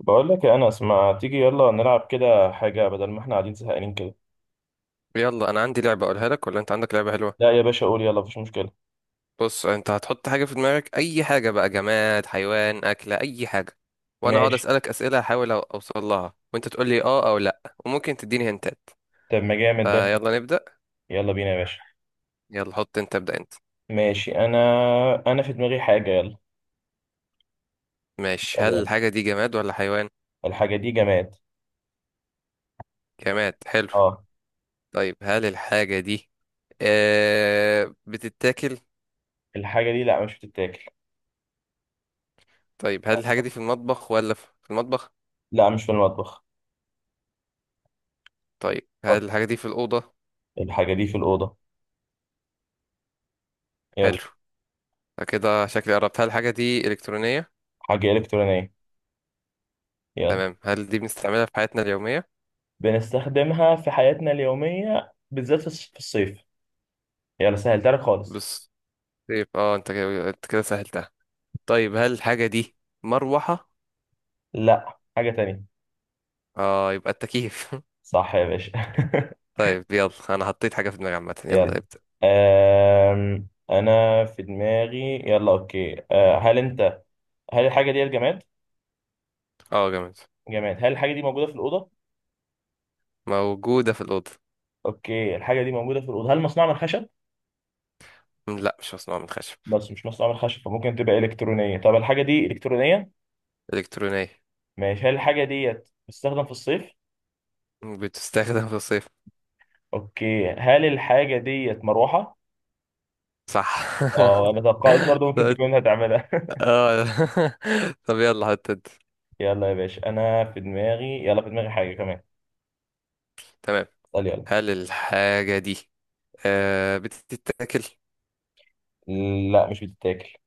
بقول لك يا انس، ما تيجي يلا نلعب كده حاجه بدل ما احنا قاعدين زهقانين كده. يلا انا عندي لعبه اقولها لك ولا انت عندك لعبه حلوه؟ لا يا باشا، قول يلا مفيش مشكله. بص، انت هتحط حاجه في دماغك، اي حاجه بقى، جماد، حيوان، اكله، اي حاجه. وانا هقعد ماشي. اسالك اسئله احاول اوصل لها، وانت تقول لي اه او لا، وممكن تديني هنتات. طب ما جامد ده. فيلا نبدا. يلا بينا يا باشا. يلا حط انت، ابدا انت. ماشي انا. انا في دماغي حاجه، يلا. ماشي، طب هل يلا، الحاجه دي جماد ولا حيوان؟ الحاجه دي جماد. جماد حلو. اه. طيب، هل الحاجه دي بتتاكل؟ الحاجه دي لا، مش بتتاكل. طيب، هل الحاجه دي في المطبخ ولا في المطبخ؟ لا، مش في المطبخ. طيب، طب هل الحاجه دي في الاوضه؟ الحاجه دي في الاوضه، يلا. حلو، كده شكلي قربت. هل الحاجه دي الكترونيه؟ حاجه الكترونيه، يلا. تمام، هل دي بنستعملها في حياتنا اليومية؟ بنستخدمها في حياتنا اليوميه، بالذات في الصيف. يلا سهلتها لك خالص. بص. طيب اه، انت كده سهلتها. طيب، هل الحاجة دي مروحة؟ لا، حاجه تانية. اه، يبقى التكييف. صح يا باشا. طيب، يلا انا حطيت حاجة في دماغي عامة، يلا. يلا ابدأ. انا في دماغي، يلا. اوكي، أه. هل الحاجه دي جماد؟ اه، جامد. جماد. هل الحاجه دي موجوده في الاوضه؟ موجودة في الأوضة. اوكي، الحاجه دي موجوده في الاوضه. هل مصنوعه من خشب؟ لا، مش مصنوعة من خشب. بس مش مصنوعه من خشب، فممكن تبقى الكترونيه. طب الحاجه دي الكترونيه. إلكترونية. ماشي، هل الحاجه ديت بتستخدم في الصيف؟ بتستخدم في الصيف. اوكي، هل الحاجه ديت مروحه؟ صح. اه انا توقعت برضه ممكن طب- تكون هتعملها. اه. طب، يلا حط انت. يلا يا باشا. انا في دماغي، يلا. في دماغي حاجه كمان. تمام، اسال يلا. هل الحاجة دي بتتاكل؟ لا، مش بتتاكل.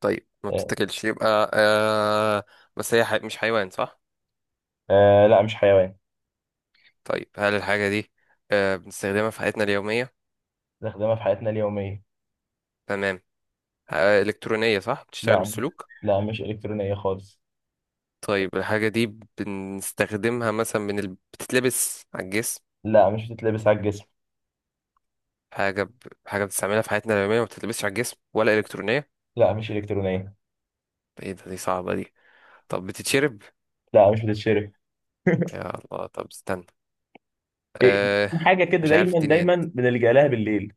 طيب، ما أه. بتتاكلش، يبقى آه. بس هي مش حيوان، صح؟ آه، لا مش حيوان. طيب، هل الحاجة دي بنستخدمها في حياتنا اليومية؟ نستخدمها في حياتنا اليومية. تمام. إلكترونية، صح؟ بتشتغل لا مش- بالسلوك؟ لا مش إلكترونية خالص. طيب، الحاجة دي بنستخدمها مثلا، بتتلبس على الجسم؟ لا، مش بتتلبس على الجسم. حاجة ب... حاجة بتستعملها في حياتنا اليومية، ما بتتلبسش على الجسم ولا إلكترونية. لا، مش إلكترونية. ايه ده، دي صعبة دي. طب، بتتشرب؟ لا، مش بتتشرب. يا الله، طب استنى. إيه، آه، في حاجة كده مش عارف، دايما اديني دايما هنت. بنلجأ لها بالليل.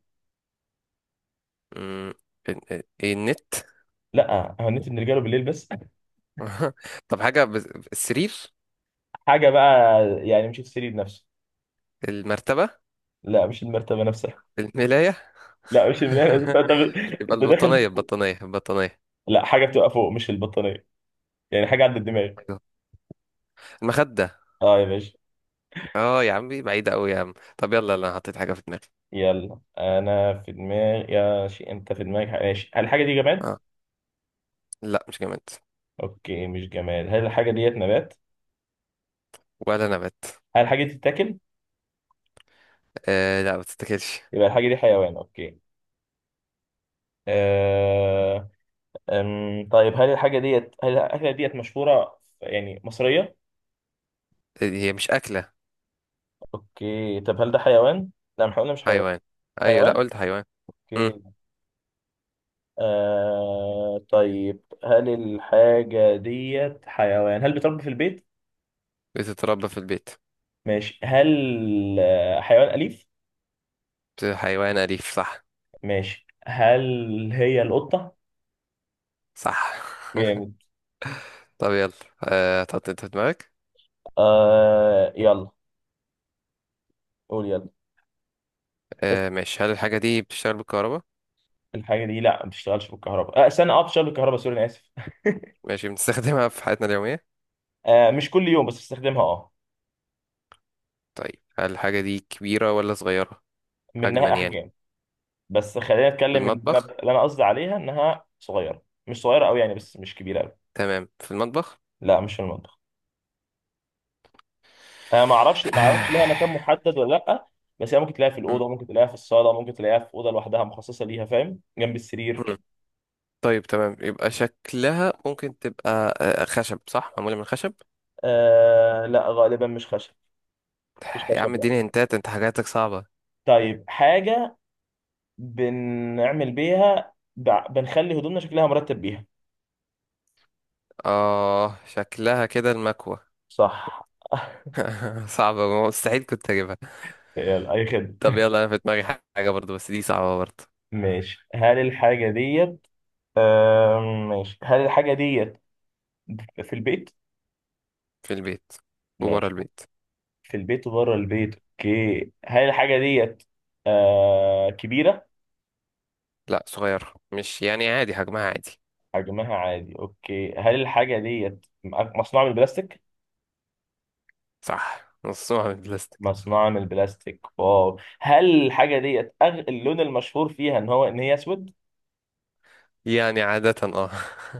مم، ايه النت؟ لا، هو النت بنلجأ له بالليل بس. طب، حاجة. السرير؟ حاجة بقى. يعني مش السرير نفسه. المرتبة؟ لا، مش المرتبة نفسها. الملاية؟ لا مش الملاية. يبقى أنت داخل. البطانية البطانية البطانية؟ لا، حاجة بتبقى فوق، مش البطانية. يعني حاجة عند الدماغ. أيوة. المخدة؟ اه يا باشا. اه يا عمي، بعيدة أوي يا عم. طب يلا، أنا حطيت حاجة في دماغي. يلا انا في دماغي يا شيء، انت في دماغك حاجة. ماشي، هل الحاجة دي جماد؟ اه. لا، مش جماد. اوكي، مش جماد. هل الحاجة ديت نبات؟ ولا نبات. هل الحاجة دي تتاكل؟ آه، لا ما تتاكلش. يبقى الحاجة دي حيوان، أوكي. آه... طيب، هل الأكلة ديت مشهورة، يعني مصرية؟ آه، هي مش أكلة. أوكي، طب هل ده حيوان؟ لا احنا قلنا مش حيوان. حيوان. أيوة، لا حيوان؟ قلت حيوان. مم. أوكي. طيب، هل الحاجة ديت حيوان؟ هل بتربى في البيت؟ بتتربى في البيت. ماشي. هل آه، حيوان أليف؟ حيوان أليف، صح. ماشي، هل هي القطة؟ صح. جامد. طب يلا. آه، تحط انت في دماغك. يلا. قول يلا. آه ماشي، هل الحاجة دي بتشتغل بالكهرباء؟ الحاجة دي لا، ما بتشتغلش بالكهرباء. آه استنى، اه بتشتغل بالكهرباء. سوري، أنا آسف. ماشي، بنستخدمها في حياتنا اليومية. آه، مش كل يوم بس بستخدمها، اه. طيب، هل الحاجة دي كبيرة ولا صغيرة؟ حجما منها يعني. احجام. بس خلينا في نتكلم ان انا المطبخ. اللي انا قصدي عليها انها صغيره، مش صغيره قوي يعني، بس مش كبيره قوي. تمام، في المطبخ. لا، مش في المطبخ. انا ما اعرفش ليها مكان محدد ولا لا. بس هي ممكن تلاقيها في م- الاوضه، ممكن تلاقيها في الصاله، ممكن تلاقيها في اوضه لوحدها مخصصه ليها، فاهم، جنب السرير م. كده. طيب تمام، يبقى شكلها ممكن تبقى خشب، صح؟ معمولة من خشب؟ آه لا، غالبا مش خشب. مش يا عم، خشب اديني لا. هنتات، انت حاجاتك صعبة. طيب حاجه بنعمل بيها، بنخلي هدومنا شكلها مرتب بيها. اه، شكلها كده المكوة. صح. صعبة، مستحيل كنت اجيبها. يلا، اي خدمه. طب يلا، انا في دماغي حاجة برضو، بس دي صعبة برضو. ماشي، هل الحاجه ديت، ماشي، هل الحاجة ديت في البيت؟ في البيت وبره ماشي، البيت. في البيت وبره البيت. اوكي، هل الحاجة ديت آه كبيرة؟ لا، صغير مش يعني، عادي حجمها عادي. حجمها عادي، اوكي. هل الحاجة ديت مصنوعة من البلاستيك؟ صح، نصها من البلاستيك. مصنوعة من البلاستيك، واو. هل الحاجة ديت اللون المشهور فيها ان هي اسود؟ يعني عادة اه.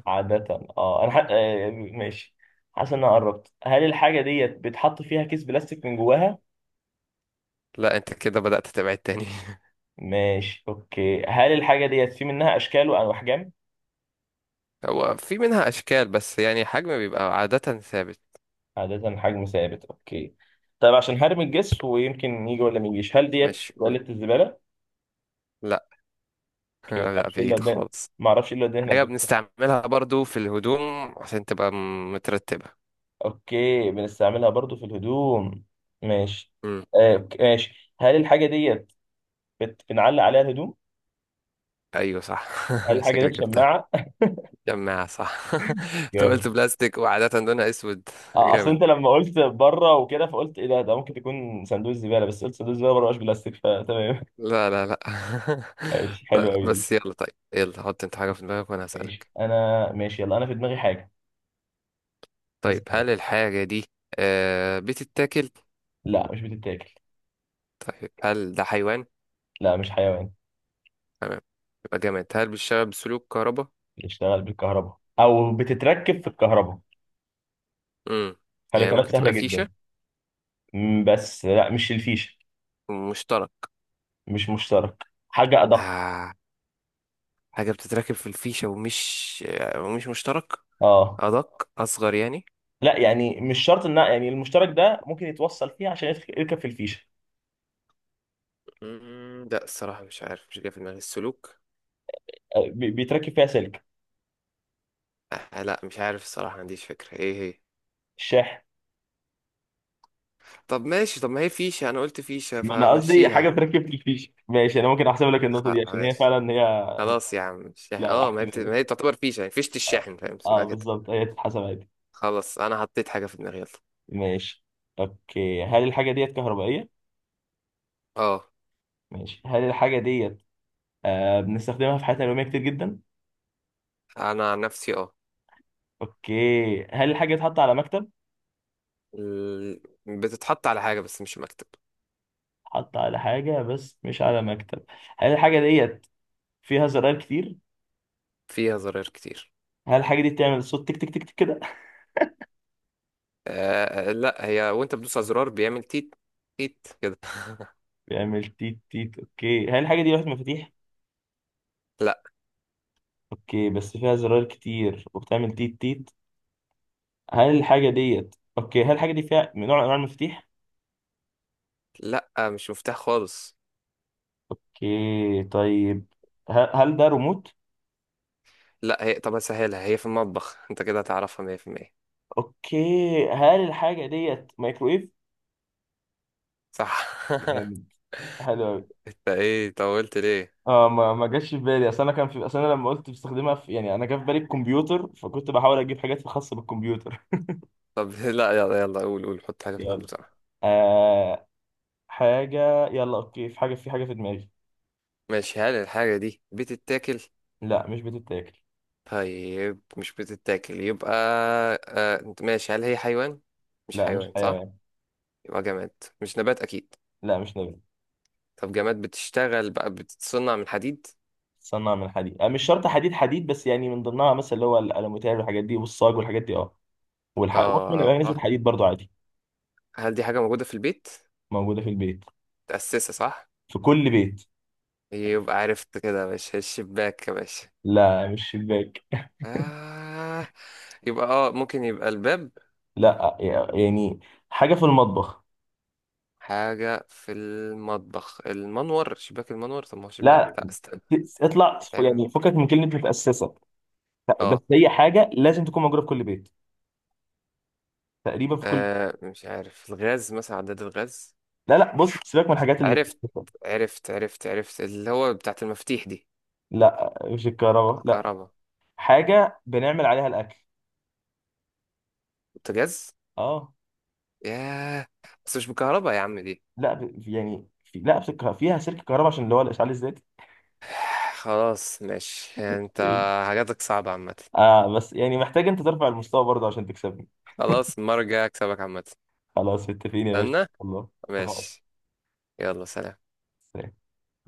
عادة اه. انا ح... آه ماشي. حاسس ان انا قربت. هل الحاجة ديت بيتحط فيها كيس بلاستيك من جواها؟ لا، انت كده بدأت تبعد تاني. ماشي، اوكي. هل الحاجة ديت في منها اشكال وانواع احجام؟ هو في منها أشكال، بس يعني حجم بيبقى عادة ثابت. عادة حجم ثابت، اوكي. طيب، عشان حجم الجسر ويمكن يجي ولا ما يجيش، هل ديت مش قول. سلة الزبالة؟ لا. اوكي، ما لا، اعرفش ايه اللي بعيد قدام خالص. ما اعرفش ايه اللي قدام هناك. حاجة بنستعملها برضو في الهدوم عشان تبقى مترتبة. اوكي، بنستعملها برضو في الهدوم، ماشي. مم. آه، أوكي، ماشي. هل الحاجة ديت بنعلق عليها الهدوم؟ أيوة صح. هل الحاجة ديت شكلك جبتها. شماعة؟ جماعة صح. أنت جامد. قلت بلاستيك وعادة لونها أسود. اه، اصل جامد. انت لما قلت بره وكده فقلت ايه ده ممكن تكون صندوق الزبالة، بس قلت صندوق الزبالة بره مش بلاستيك، فتمام. لا، لا، لا. ماشي، حلو لا قوي دي. بس يلا، طيب يلا، حط أنت حاجة في دماغك وأنا ماشي هسألك. انا، ماشي. يلا انا في دماغي حاجة. يا طيب، سلام. هل الحاجة دي بتتاكل؟ لا، مش بتتاكل. طيب، هل ده حيوان؟ لا، مش حيوان. تمام. يبقى جامد، هل بيشتغل بسلوك كهرباء؟ بيشتغل بالكهرباء او بتتركب في الكهرباء. امم. يعني فالاترات ممكن سهله تبقى جدا. فيشة. بس لا، مش الفيشه. ومشترك؟ مش مشترك، حاجه ادق. آه. حاجة بتتركب في الفيشة ومش مشترك. اه، أدق، أصغر يعني. لا يعني مش شرط ان يعني المشترك ده ممكن يتوصل فيه عشان يركب في الفيشه. لا، الصراحة مش عارف، مش جاي في دماغي السلوك. آه، بيتركب فيها سلك. آه، لا مش عارف، الصراحة ما عنديش فكرة ايه هي. الشاحن. طب ماشي، طب ما هي فيشة، أنا قلت فيشة، ما انا قصدي حاجه فمشيها. بتركب في الفيشه، ماشي انا ممكن احسب لك النقطه دي عشان هي ماشي. فعلا هي. خلاص يا عم، الشاحن، لا اه ما هي بت... احسبها ما لك. هي تعتبر فيشة، يعني فيشة الشاحن، فاهم اه اسمها كده. بالظبط، هي تتحسب عادي. خلاص، أنا حطيت حاجة في دماغي، يلا. ماشي، اوكي. هل الحاجه ديت كهربائيه؟ اه. ماشي، هل الحاجه ديت آه بنستخدمها في حياتنا اليوميه كتير جدا؟ أنا عن نفسي اه. اوكي، هل الحاجة اتحط على مكتب؟ بتتحط على حاجة بس مش مكتب. اتحط على حاجة، بس مش على مكتب. هل الحاجة ديت فيها زرار كتير؟ فيها زراير كتير. هل الحاجة دي بتعمل صوت تك تك تك تك كده؟ آه، آه، لا هي وانت بتدوس على زرار بيعمل تيت. تيت كده. بيعمل تيت تيت. اوكي، هل الحاجة دي لوحة مفاتيح؟ لا. اوكي، بس فيها زرار كتير وبتعمل تيت تيت. هل الحاجة ديت اوكي، هل الحاجة دي فيها من نوع من انواع المفاتيح؟ لا، مش مفتاح خالص. اوكي، طيب. هل ده ريموت؟ لا، هي طب اسهلها، هي في المطبخ، انت كده هتعرفها 100%. اوكي، هل الحاجة ديت مايكرويف؟ صح. جامد، حلو. انت ايه طولت ليه؟ اه، ما جاش في بالي. اصل انا كان في اصل انا لما قلت بستخدمها في، يعني انا جا في بالي الكمبيوتر، فكنت بحاول اجيب حاجات خاصه بالكمبيوتر. طب. لا يلا يلا، قول قول، حط حاجة في دماغك يلا. بسرعة. آه، حاجه، يلا اوكي. في حاجه في دماغي. ماشي، هل الحاجة دي بتتاكل؟ لا، مش بتتاكل. طيب، مش بتتاكل يبقى. آه، انت ماشي، هل هي حيوان؟ مش لا، مش حيوان، صح. حيوان. يبقى جماد. مش نبات اكيد. لا، مش نبات. طب جماد، بتشتغل بقى، بتتصنع من حديد؟ تصنع من حديد؟ آه، مش شرط حديد حديد، بس يعني من ضمنها مثلا اللي هو الالومتير والحاجات دي والصاج والحاجات دي، اه. والحق ممكن يبقى اه. نسبه حديد برضو عادي. هل دي حاجة موجودة في البيت؟ موجوده في البيت. متأسسة صح؟ في كل بيت. يبقى عرفت كده يا باشا، الشباك يا باشا؟ لا، مش شباك. آه. يبقى اه، ممكن يبقى الباب. لا، يعني حاجه في المطبخ. حاجة في المطبخ، المنور، شباك المنور، طب ما هو شباك، لا. لا استنى. اطلع بيتعمل. يعني، فكك من كلمه متاسسه. بس اه. هي حاجه لازم تكون موجوده في كل بيت، تقريبا في كل. آه، مش عارف، الغاز مثلا، عداد الغاز. لا بص سيبك من الحاجات عرفت. المتاسسه. عرفت، عرفت، عرفت، اللي هو بتاعت المفاتيح دي. لا، مش الكهرباء لا. الكهرباء. حاجه بنعمل عليها الاكل. بوتاجاز. اه. ياه. بس مش بالكهرباء يا عم دي. لا ب... يعني في... لا بسك... فيها سلك كهرباء عشان اللي هو الاشعال الذاتي. خلاص ماشي، يعني انت إيه. حاجاتك صعبة عامة. اه بس يعني محتاج انت ترفع المستوى برضه عشان تكسبني. خلاص، المرة الجاية هكسبك عامة. خلاص، متفقين يا باشا. استنى. الله. اتفقنا. ماشي. يلا، سلام. سلام.